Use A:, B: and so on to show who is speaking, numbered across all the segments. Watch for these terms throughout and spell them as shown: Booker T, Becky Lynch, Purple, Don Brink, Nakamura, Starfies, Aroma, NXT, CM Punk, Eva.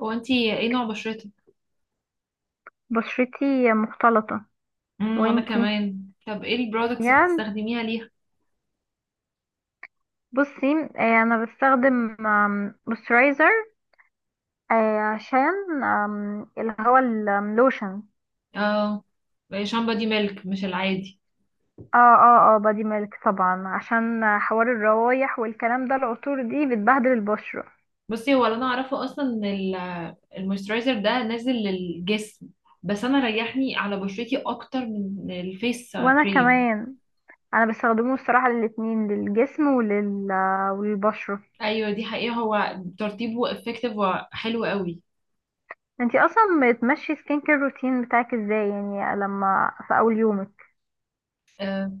A: هو انتي ايه نوع بشرتك؟
B: بشرتي مختلطة.
A: وانا
B: وانتي؟
A: كمان. طب ايه البرودكتس اللي
B: يعني
A: بتستخدميها ليها؟
B: بصي آه، انا بستخدم مويسترايزر عشان اللي هو اللوشن.
A: اه، شامبو دي ميلك مش العادي.
B: اه اه اه، بادي ميلك طبعا عشان حوار الروايح والكلام ده، العطور دي بتبهدل البشرة.
A: بصي، هو اللي انا اعرفه اصلا ان المويسترايزر ده نازل للجسم، بس انا ريحني على بشرتي اكتر من الفيس
B: وانا
A: كريم.
B: كمان، انا بستخدمه الصراحة للاتنين، للجسم وللبشرة.
A: ايوه دي حقيقة، هو ترطيبه افكتيف وحلو قوي.
B: انتي اصلا بتمشي سكين كير روتين بتاعك ازاي يعني؟ لما في اول يومك،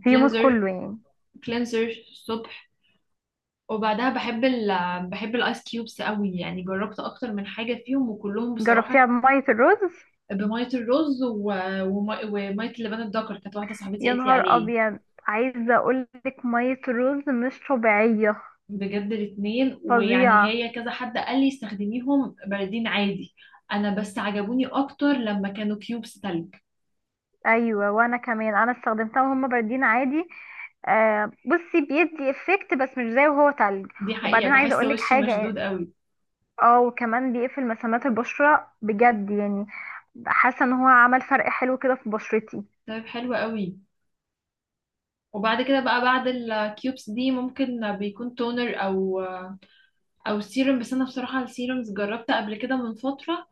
B: في يومك
A: كلينزر،
B: كله يعني؟
A: كلينزر الصبح، وبعدها بحب بحب الايس كيوبس قوي، يعني جربت اكتر من حاجة فيهم وكلهم بصراحة
B: جربتيها بمية الرز؟
A: بمية الرز ومية اللبان الدكر، كانت واحدة صاحبتي
B: يا
A: قالت لي
B: نهار
A: عليه.
B: ابيض! عايزه اقولك ميه رز مش طبيعيه.
A: بجد الاتنين، ويعني
B: فظيعه.
A: هي كذا حد قال لي استخدميهم باردين عادي، انا بس عجبوني اكتر لما كانوا كيوبس تلج.
B: ايوه وانا كمان، انا استخدمتها وهم باردين عادي. آه بصي، بيدي افكت بس مش زي وهو تلج.
A: دي حقيقة،
B: وبعدين عايزه
A: بحس
B: اقولك
A: وشي
B: حاجه.
A: مشدود قوي.
B: اه، وكمان بيقفل مسامات البشره بجد يعني. حاسه ان هو عمل فرق حلو كده في بشرتي.
A: طيب حلو قوي. وبعد كده بقى بعد الكيوبس دي ممكن بيكون تونر او او سيروم، بس انا بصراحة السيرومز جربت قبل كده من فترة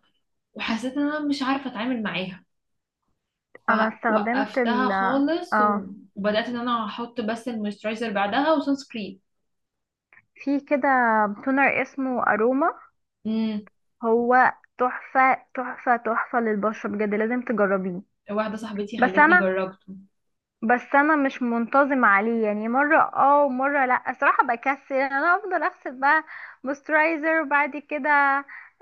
A: وحسيت ان انا مش عارفة اتعامل معاها،
B: انا استخدمت
A: فوقفتها
B: ال
A: خالص
B: اه،
A: و- وبدأت ان انا احط بس المويسترايزر بعدها وسان سكرين.
B: في كده تونر اسمه اروما.
A: امم
B: هو تحفه تحفه تحفه للبشره، بجد لازم تجربيه.
A: واحدة صاحبتي
B: بس
A: خلتني
B: انا
A: جربته.
B: بس انا مش منتظم عليه، يعني مره اه ومره لا. الصراحه بكسل، يعني انا افضل اغسل بقى مويسترايزر وبعد كده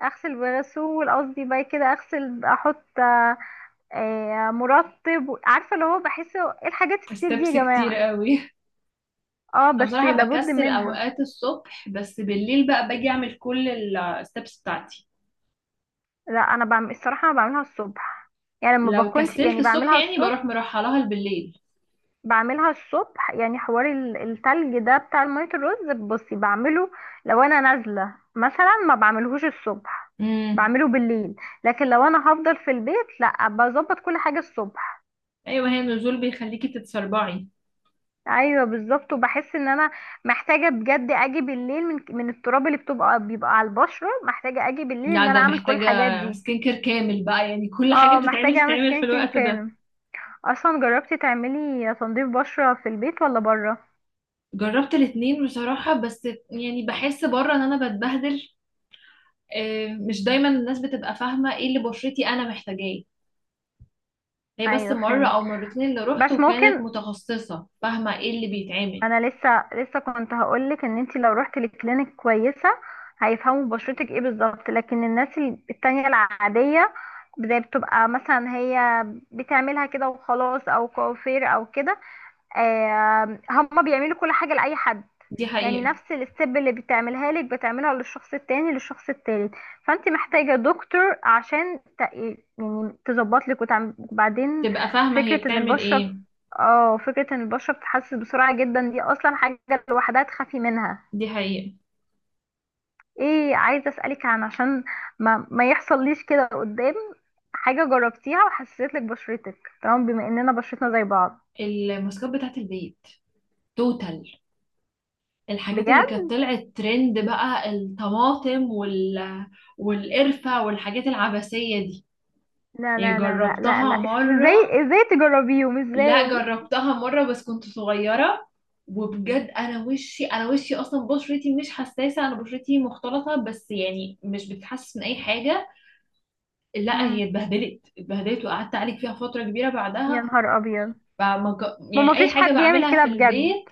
B: اغسل بغسول. قصدي بقى كده، اغسل احط مرطب، عارفه اللي هو؟ بحس ايه الحاجات الكتير دي يا
A: ستيبس كتير
B: جماعه؟
A: قوي
B: اه
A: انا
B: بس
A: بصراحة
B: لابد
A: بكسل
B: منها.
A: اوقات الصبح، بس بالليل بقى باجي اعمل كل الستيبس بتاعتي.
B: لا انا بعمل الصراحه، انا بعملها الصبح. يعني ما
A: لو
B: بكونش،
A: كسلت
B: يعني
A: الصبح
B: بعملها
A: يعني
B: الصبح.
A: بروح مرحلها بالليل.
B: بعملها الصبح، يعني حوار التلج ده بتاع المية الرز بصي بعمله. لو انا نازلة مثلا ما بعملهوش الصبح،
A: امم
B: بعمله بالليل. لكن لو انا هفضل في البيت لا، بظبط كل حاجة الصبح.
A: ايوه، ما هي النزول بيخليكي تتسربعي.
B: ايوه بالظبط. وبحس ان انا محتاجة بجد اجي بالليل، من التراب اللي بتبقى بيبقى على البشرة، محتاجة اجي بالليل
A: لا
B: ان انا
A: ده
B: اعمل كل
A: محتاجة
B: الحاجات دي.
A: سكين كير كامل بقى، يعني كل حاجة
B: اه محتاجة
A: بتتعمل
B: اعمل
A: تتعمل في
B: سكان كير
A: الوقت ده.
B: كامل. اصلا جربتي تعملي تنظيف بشرة في البيت ولا بره؟
A: جربت الاتنين بصراحة، بس يعني بحس بره ان انا بتبهدل، مش دايما الناس بتبقى فاهمة ايه اللي بشرتي انا محتاجاه. هي بس
B: ايوه
A: مرة
B: فهمت.
A: او مرتين اللي روحت
B: بس
A: وكانت
B: ممكن،
A: متخصصة فاهمة ايه اللي
B: ما
A: بيتعمل.
B: انا لسه لسه كنت هقولك ان انت لو رحت لكلينيك كويسه هيفهموا بشرتك ايه بالظبط. لكن الناس التانية العاديه زي، بتبقى مثلا هي بتعملها كده وخلاص، او كوافير او كده. هما بيعملوا كل حاجة لأي حد.
A: دي
B: يعني
A: حقيقة.
B: نفس الستيب اللي بتعملها لك بتعملها للشخص التاني، للشخص التالت. فانت محتاجة دكتور عشان يعني تظبط لك وتعمل. وبعدين
A: تبقى فاهمة هي
B: فكرة ان
A: بتعمل
B: البشرة
A: ايه.
B: اه فكرة ان البشرة بتتحسس بسرعة جدا، دي اصلا حاجة لوحدها تخافي منها.
A: دي حقيقة.
B: ايه عايزة اسألك عن، عشان ما يحصل ليش كده قدام، حاجة جربتيها وحسيت لك بشرتك تمام بما اننا بشرتنا زي بعض؟
A: الماسكات بتاعت البيت، توتال، الحاجات
B: بجد؟
A: اللي كانت طلعت ترند بقى، الطماطم والقرفة والحاجات العبثية دي.
B: لا
A: يعني
B: لا لا لا لا
A: جربتها
B: لا!
A: مرة،
B: ازاي ازاي تجربيهم
A: لا
B: ازاي؟
A: جربتها مرة بس كنت صغيرة، وبجد انا وشي، انا وشي اصلا بشرتي مش حساسة، انا بشرتي مختلطة بس يعني مش بتحسس من اي حاجة. لا هي
B: مم.
A: اتبهدلت وقعدت اعالج فيها فترة كبيرة
B: يا
A: بعدها.
B: نهار ابيض! ما
A: يعني اي
B: فيش
A: حاجة
B: حد يعمل
A: بعملها
B: كده
A: في
B: بجد.
A: البيت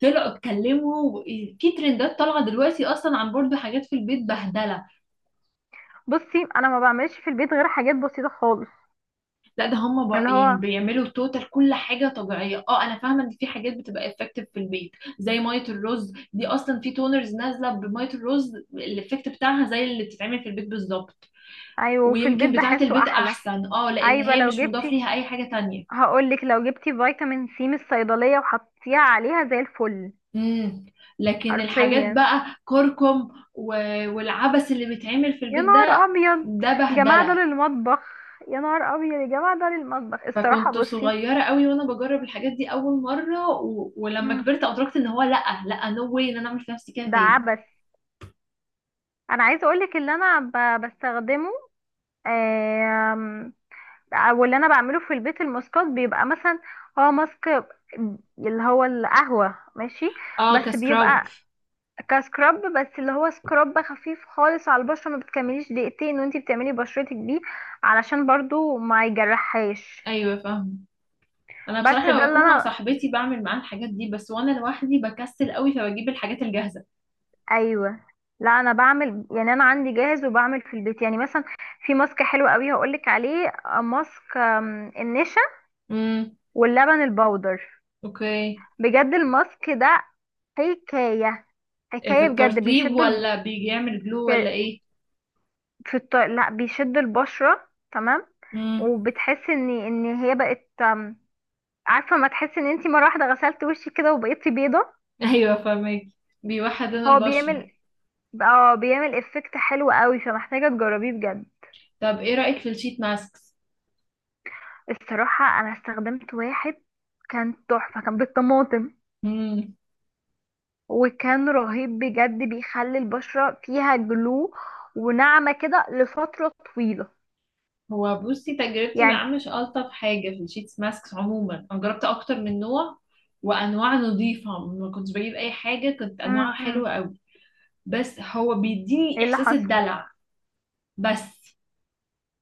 A: طلعوا اتكلموا. في ترندات طالعة دلوقتي اصلا عن برضو حاجات في البيت بهدلة.
B: بصي انا ما بعملش في البيت غير حاجات بسيطه خالص.
A: لا ده هم بق...
B: اللي
A: يعني
B: هو،
A: بيعملوا توتال كل حاجه طبيعيه، اه انا فاهمه ان في حاجات بتبقى افكتيف في البيت، زي ميه الرز دي، اصلا في تونرز نازله بميه الرز الافكت بتاعها زي اللي بتتعمل في البيت بالظبط.
B: ايوه في البيت
A: ويمكن بتاعه
B: بحسه
A: البيت
B: احلى.
A: احسن، اه لان
B: ايوه
A: هي
B: لو
A: مش مضاف
B: جبتي،
A: ليها اي حاجه تانية.
B: هقولك لو جبتي فيتامين سي من الصيدليه وحطيتيها عليها زي الفل.
A: امم. لكن الحاجات
B: حرفيا،
A: بقى كركم و... والعبس اللي بيتعمل في
B: يا
A: البيت ده،
B: نهار ابيض
A: ده
B: يا جماعه ده
A: بهدله.
B: للمطبخ! يا نهار ابيض يا جماعه ده للمطبخ، الصراحه
A: فكنت
B: بصي.
A: صغيرة قوي وانا بجرب الحاجات دي اول مرة، ولما
B: مم.
A: كبرت ادركت ان هو لا لا، نو واي ان انا اعمل في نفسي كده
B: ده
A: تاني.
B: عبث. انا عايزه اقولك اللي انا بستخدمه، آم، واللي انا بعمله في البيت. الماسكات بيبقى مثلا هو ماسك اللي هو القهوة ماشي.
A: اه،
B: بس
A: كسكراب.
B: بيبقى كسكراب، بس اللي هو سكراب خفيف خالص على البشرة، ما بتكمليش دقيقتين وانتي بتعملي بشرتك بيه، علشان برضو ما يجرحهاش.
A: ايوه فاهم. انا بصراحة
B: بس ده
A: لما
B: اللي
A: بكون مع
B: انا،
A: صاحبتي بعمل معاها الحاجات دي بس، وانا لوحدي بكسل قوي فبجيب الحاجات الجاهزة.
B: ايوه. لا انا بعمل يعني، انا عندي جاهز وبعمل في البيت يعني. مثلا في ماسك حلو قوي هقولك عليه، ماسك النشا
A: امم.
B: واللبن البودر.
A: اوكي.
B: بجد الماسك ده حكاية
A: إيه، في
B: حكاية، بجد
A: الترطيب
B: بيشدوا ال...
A: ولا بيعمل جلو
B: في
A: ولا ايه؟
B: لا بيشدوا البشرة تمام.
A: امم.
B: وبتحس ان هي بقت عارفة ما تحس ان انتي مرة واحدة غسلت وشك كده وبقيتي بيضة.
A: ايوه فاهمك. بيوحد لون
B: هو
A: البشرة.
B: بيعمل اه بيعمل افكت حلو قوي، فمحتاجة تجربيه بجد.
A: طب ايه رأيك في الشيت ماسكس؟
B: الصراحة انا استخدمت واحد كان تحفة، كان بالطماطم. وكان رهيب بجد، بيخلي البشرة فيها جلو وناعمة كده لفترة طويلة.
A: هو بصي تجربتي
B: يعني
A: معاه مش ألطف حاجة، في الشيتس ماسكس عموما أنا جربت أكتر من نوع، وأنواع نظيفة ما كنتش بجيب أي حاجة، كانت أنواعها
B: م.
A: حلوة أوي، بس هو بيديني
B: ايه اللي
A: إحساس
B: حصل؟
A: الدلع بس.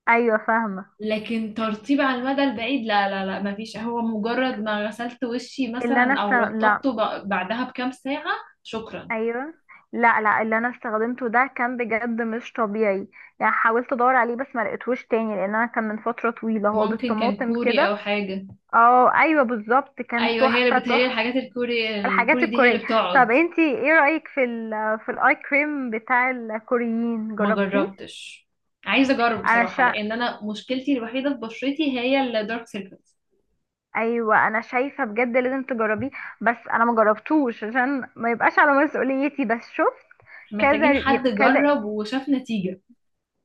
B: ايوه فاهمه.
A: لكن ترطيب على المدى البعيد لا لا لا، مفيش، هو مجرد ما غسلت وشي مثلا أو
B: لا.
A: رطبته بعدها بكام ساعة. شكرا.
B: ايوه لا لا، اللي انا استخدمته ده كان بجد مش طبيعي. يعني حاولت ادور عليه بس ما لقيتهوش تاني، لان انا كان من فتره طويله. هو
A: ممكن كان
B: بالطماطم
A: كوري أو
B: كده.
A: حاجة.
B: اه ايوه بالظبط، كان
A: أيوة، هي
B: تحفه
A: اللي بتهيألي
B: تحفه.
A: الحاجات الكوري
B: الحاجات
A: الكوري دي هي اللي
B: الكوريه. طب
A: بتقعد.
B: انتي ايه رايك في في الاي كريم بتاع الكوريين،
A: ما
B: جربتيه؟
A: جربتش. عايزه اجرب
B: انا
A: بصراحه،
B: شا...
A: لان انا مشكلتي الوحيده في بشرتي هي الدارك سيركلز.
B: ايوه انا شايفه بجد لازم تجربيه. بس انا ما جربتوش عشان ما يبقاش على مسؤوليتي، بس شفت
A: محتاجين
B: كذا
A: حد
B: كذا،
A: جرب وشاف نتيجه.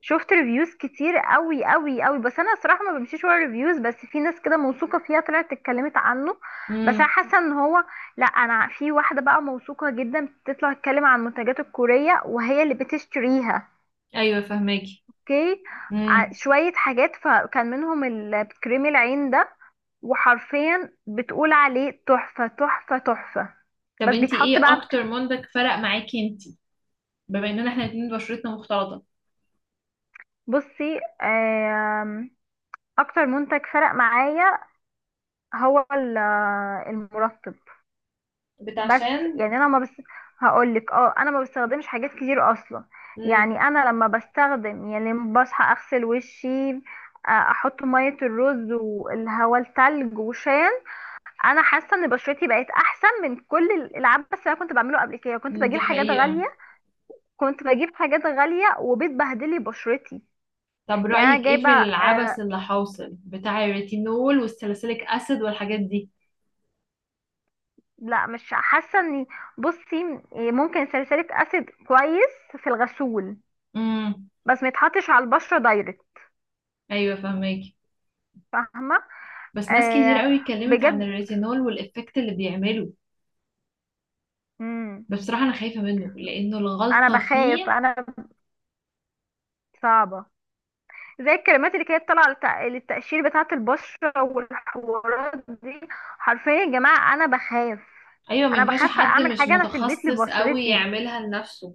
B: شفت ريفيوز كتير قوي قوي قوي. بس انا صراحه ما بمشيش ورا ريفيوز، بس في ناس كده موثوقه فيها طلعت اتكلمت عنه. بس انا
A: امم.
B: حاسه ان هو، لا انا في واحده بقى موثوقه جدا بتطلع تتكلم عن المنتجات الكوريه وهي اللي بتشتريها.
A: ايوه فهماكي.
B: اوكي.
A: امم.
B: شويه حاجات، فكان منهم كريم العين ده، وحرفيا بتقول عليه تحفه تحفه تحفه.
A: طب
B: بس
A: انتي
B: بيتحط
A: ايه
B: بقى.
A: اكتر منتج فرق معاكي انتي، بما اننا احنا الاتنين بشرتنا مختلطه؟
B: بصي اكتر منتج فرق معايا هو المرطب. بس
A: بتاعشان.
B: بس هقول لك اه انا ما بستخدمش حاجات كتير اصلا.
A: امم.
B: يعني انا لما بستخدم، يعني لما بصحى اغسل وشي، احط ميه الرز والهواء التلج وشان. انا حاسه ان بشرتي بقت احسن من كل العبث اللي انا كنت بعمله قبل كده. كنت بجيب
A: دي
B: حاجات
A: حقيقه.
B: غاليه، كنت بجيب حاجات غاليه وبتبهدلي بشرتي.
A: طب
B: يعني انا
A: رايك ايه
B: جايبه
A: في العبث اللي حاصل بتاع الريتينول والساليسيليك اسيد والحاجات دي؟
B: لا مش حاسه اني، بصي ممكن ساليسيليك اسيد كويس في الغسول،
A: امم.
B: بس ما يتحطش على البشره دايركت.
A: ايوه فهماكي.
B: فاهمة.
A: بس ناس كتير
B: آه،
A: قوي اتكلمت عن
B: بجد.
A: الريتينول والإفكت اللي بيعمله،
B: مم.
A: بس بصراحة أنا خايفة منه لأنه
B: انا
A: الغلطة
B: بخاف
A: فيه.
B: صعبة. زي الكلمات اللي كانت طالعة للتقشير بتاعة البشرة والحوارات دي، حرفيا يا جماعة انا بخاف.
A: أيوة ما
B: انا
A: ينفعش
B: بخاف
A: حد
B: اعمل
A: مش
B: حاجة انا في البيت
A: متخصص قوي
B: لبشرتي.
A: يعملها لنفسه.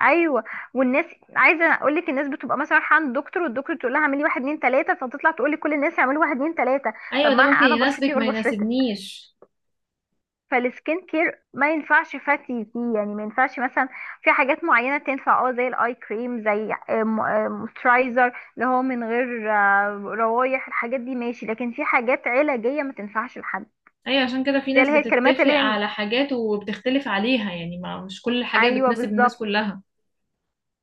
B: ايوه والناس. عايزه اقول لك الناس بتبقى مثلا رايحه عند دكتور، والدكتور تقول لها اعملي واحد اتنين تلاته، فتطلع تقول لي كل الناس يعملوا واحد اتنين تلاته. طب
A: أيوة
B: ما
A: ده ممكن
B: انا بشرتي
A: يناسبك
B: غير
A: ما
B: بشرتك،
A: يناسبنيش.
B: فالسكين كير ما ينفعش فاتي فيه. يعني ما ينفعش مثلا، في حاجات معينة تنفع اه زي الاي كريم، زي موسترايزر اللي هو من غير روايح الحاجات دي ماشي. لكن في حاجات علاجية ما تنفعش لحد.
A: أيوة عشان كده في
B: زي
A: ناس
B: اللي هي الكريمات
A: بتتفق
B: اللي هي
A: على حاجات وبتختلف عليها، يعني ما مش كل الحاجات
B: ايوه
A: بتناسب الناس
B: بالظبط.
A: كلها.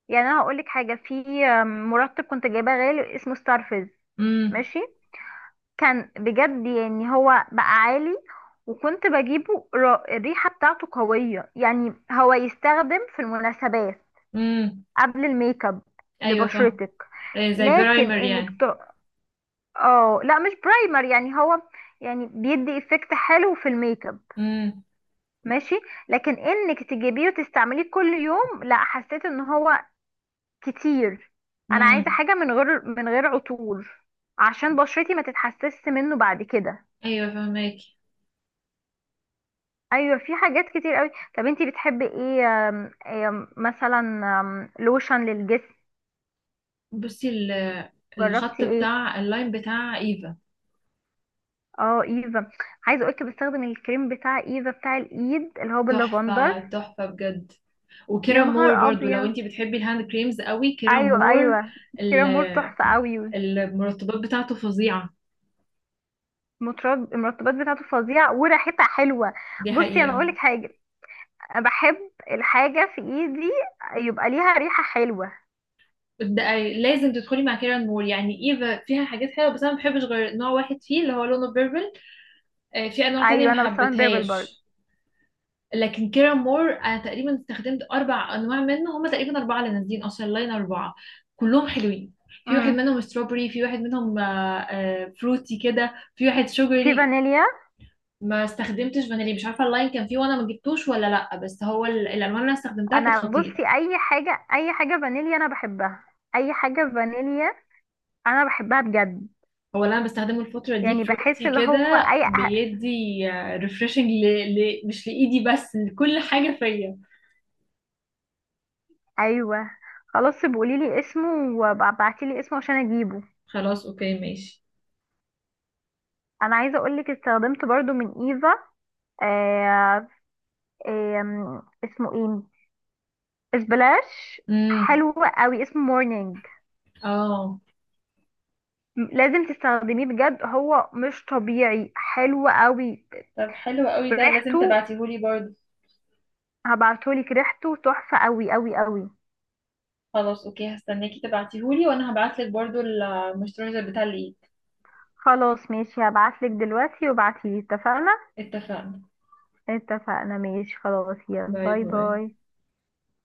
B: يعني انا هقول لك حاجة في مرطب كنت جايباه غالي اسمه ستارفيز
A: امم.
B: ماشي. كان بجد يعني هو بقى عالي. وكنت بجيبه الريحة بتاعته قوية يعني، هو يستخدم في المناسبات،
A: امم.
B: قبل الميك اب
A: أيوة فاهم.
B: لبشرتك.
A: زي
B: لكن
A: برايمر
B: انك
A: يعني.
B: ت... اه لا مش برايمر. يعني هو يعني بيدي افكت حلو في الميك اب
A: امم.
B: ماشي. لكن انك تجيبيه وتستعمليه كل يوم لا، حسيت ان هو كتير. انا عايزه
A: امم.
B: حاجه من غير عطور عشان بشرتي ما تتحسسش منه بعد كده.
A: أيوة فاهماكي.
B: ايوه في حاجات كتير قوي. طب انتي بتحبي ايه آم، آم، مثلا لوشن للجسم؟
A: بصي الخط
B: جربتي ايه؟
A: بتاع اللاين بتاع إيفا.
B: اه ايفا. عايزه اقولك بستخدم الكريم بتاع ايفا بتاع الايد اللي هو باللافندر.
A: تحفة تحفة بجد.
B: يا
A: وكيرا
B: نهار
A: مور برضو لو
B: ابيض!
A: انتي بتحبي الهاند كريمز قوي، كيرا
B: ايوه
A: مور.
B: ايوه، كريم مور
A: ال-
B: تحفه قوي.
A: المرطبات بتاعته فظيعة.
B: المرطبات بتاعته فظيعه وريحتها حلوه.
A: دي
B: بصي انا
A: حقيقة.
B: اقولك حاجه، انا بحب الحاجه في ايدي يبقى ليها ريحه حلوه.
A: ده لازم تدخلي مع كيرا مور، يعني ايفا فيها حاجات حلوة بس انا ما بحبش غير نوع واحد فيه اللي هو لونه بيربل، في انواع تانية
B: ايوه
A: ما
B: انا بستخدم بيربل برضه.
A: حبيتهاش. لكن كيرا مور انا تقريبا استخدمت اربع انواع منه، هما تقريبا اربعة اللي نازلين اصلا، لاين اربعة، كلهم حلوين. في واحد
B: امم.
A: منهم ستروبري، في واحد منهم فروتي كده، في واحد
B: في
A: شوجري.
B: فانيليا.
A: ما استخدمتش فانيلي مش عارفه اللاين كان فيه وانا ما جبتوش ولا لا، بس هو الالوان اللي انا استخدمتها كانت
B: انا
A: خطيره.
B: بصي، اي حاجه اي حاجه فانيليا انا بحبها، اي حاجه فانيليا انا بحبها بجد.
A: هو اللي انا بستخدمه الفتره دي
B: يعني بحس
A: فلوتي
B: اللي
A: كده،
B: هو اي أه.
A: بيدي ريفرشنج مش لايدي بس لكل حاجه فيا.
B: ايوه خلاص بقولي لي اسمه وابعتي لي اسمه عشان اجيبه.
A: خلاص اوكي ماشي.
B: انا عايزه اقول لك استخدمت برضو من ايفا، آه آم، اسمه ايه، اسبلاش.
A: امم.
B: حلو قوي اسمه مورنينج.
A: اه.
B: لازم تستخدميه بجد، هو مش طبيعي حلو قوي.
A: طب حلو قوي ده لازم
B: ريحته
A: تبعتيهولي برضو.
B: هبعتهولك، ريحته تحفه قوي قوي قوي.
A: خلاص اوكي هستناكي تبعتيهولي، وانا هبعتلك برضو المسترزر بتاع الايد.
B: خلاص ماشي هبعتلك دلوقتي وابعتيلي، اتفقنا.
A: اتفقنا.
B: اتفقنا ماشي خلاص، يلا
A: باي
B: باي
A: باي.
B: باي.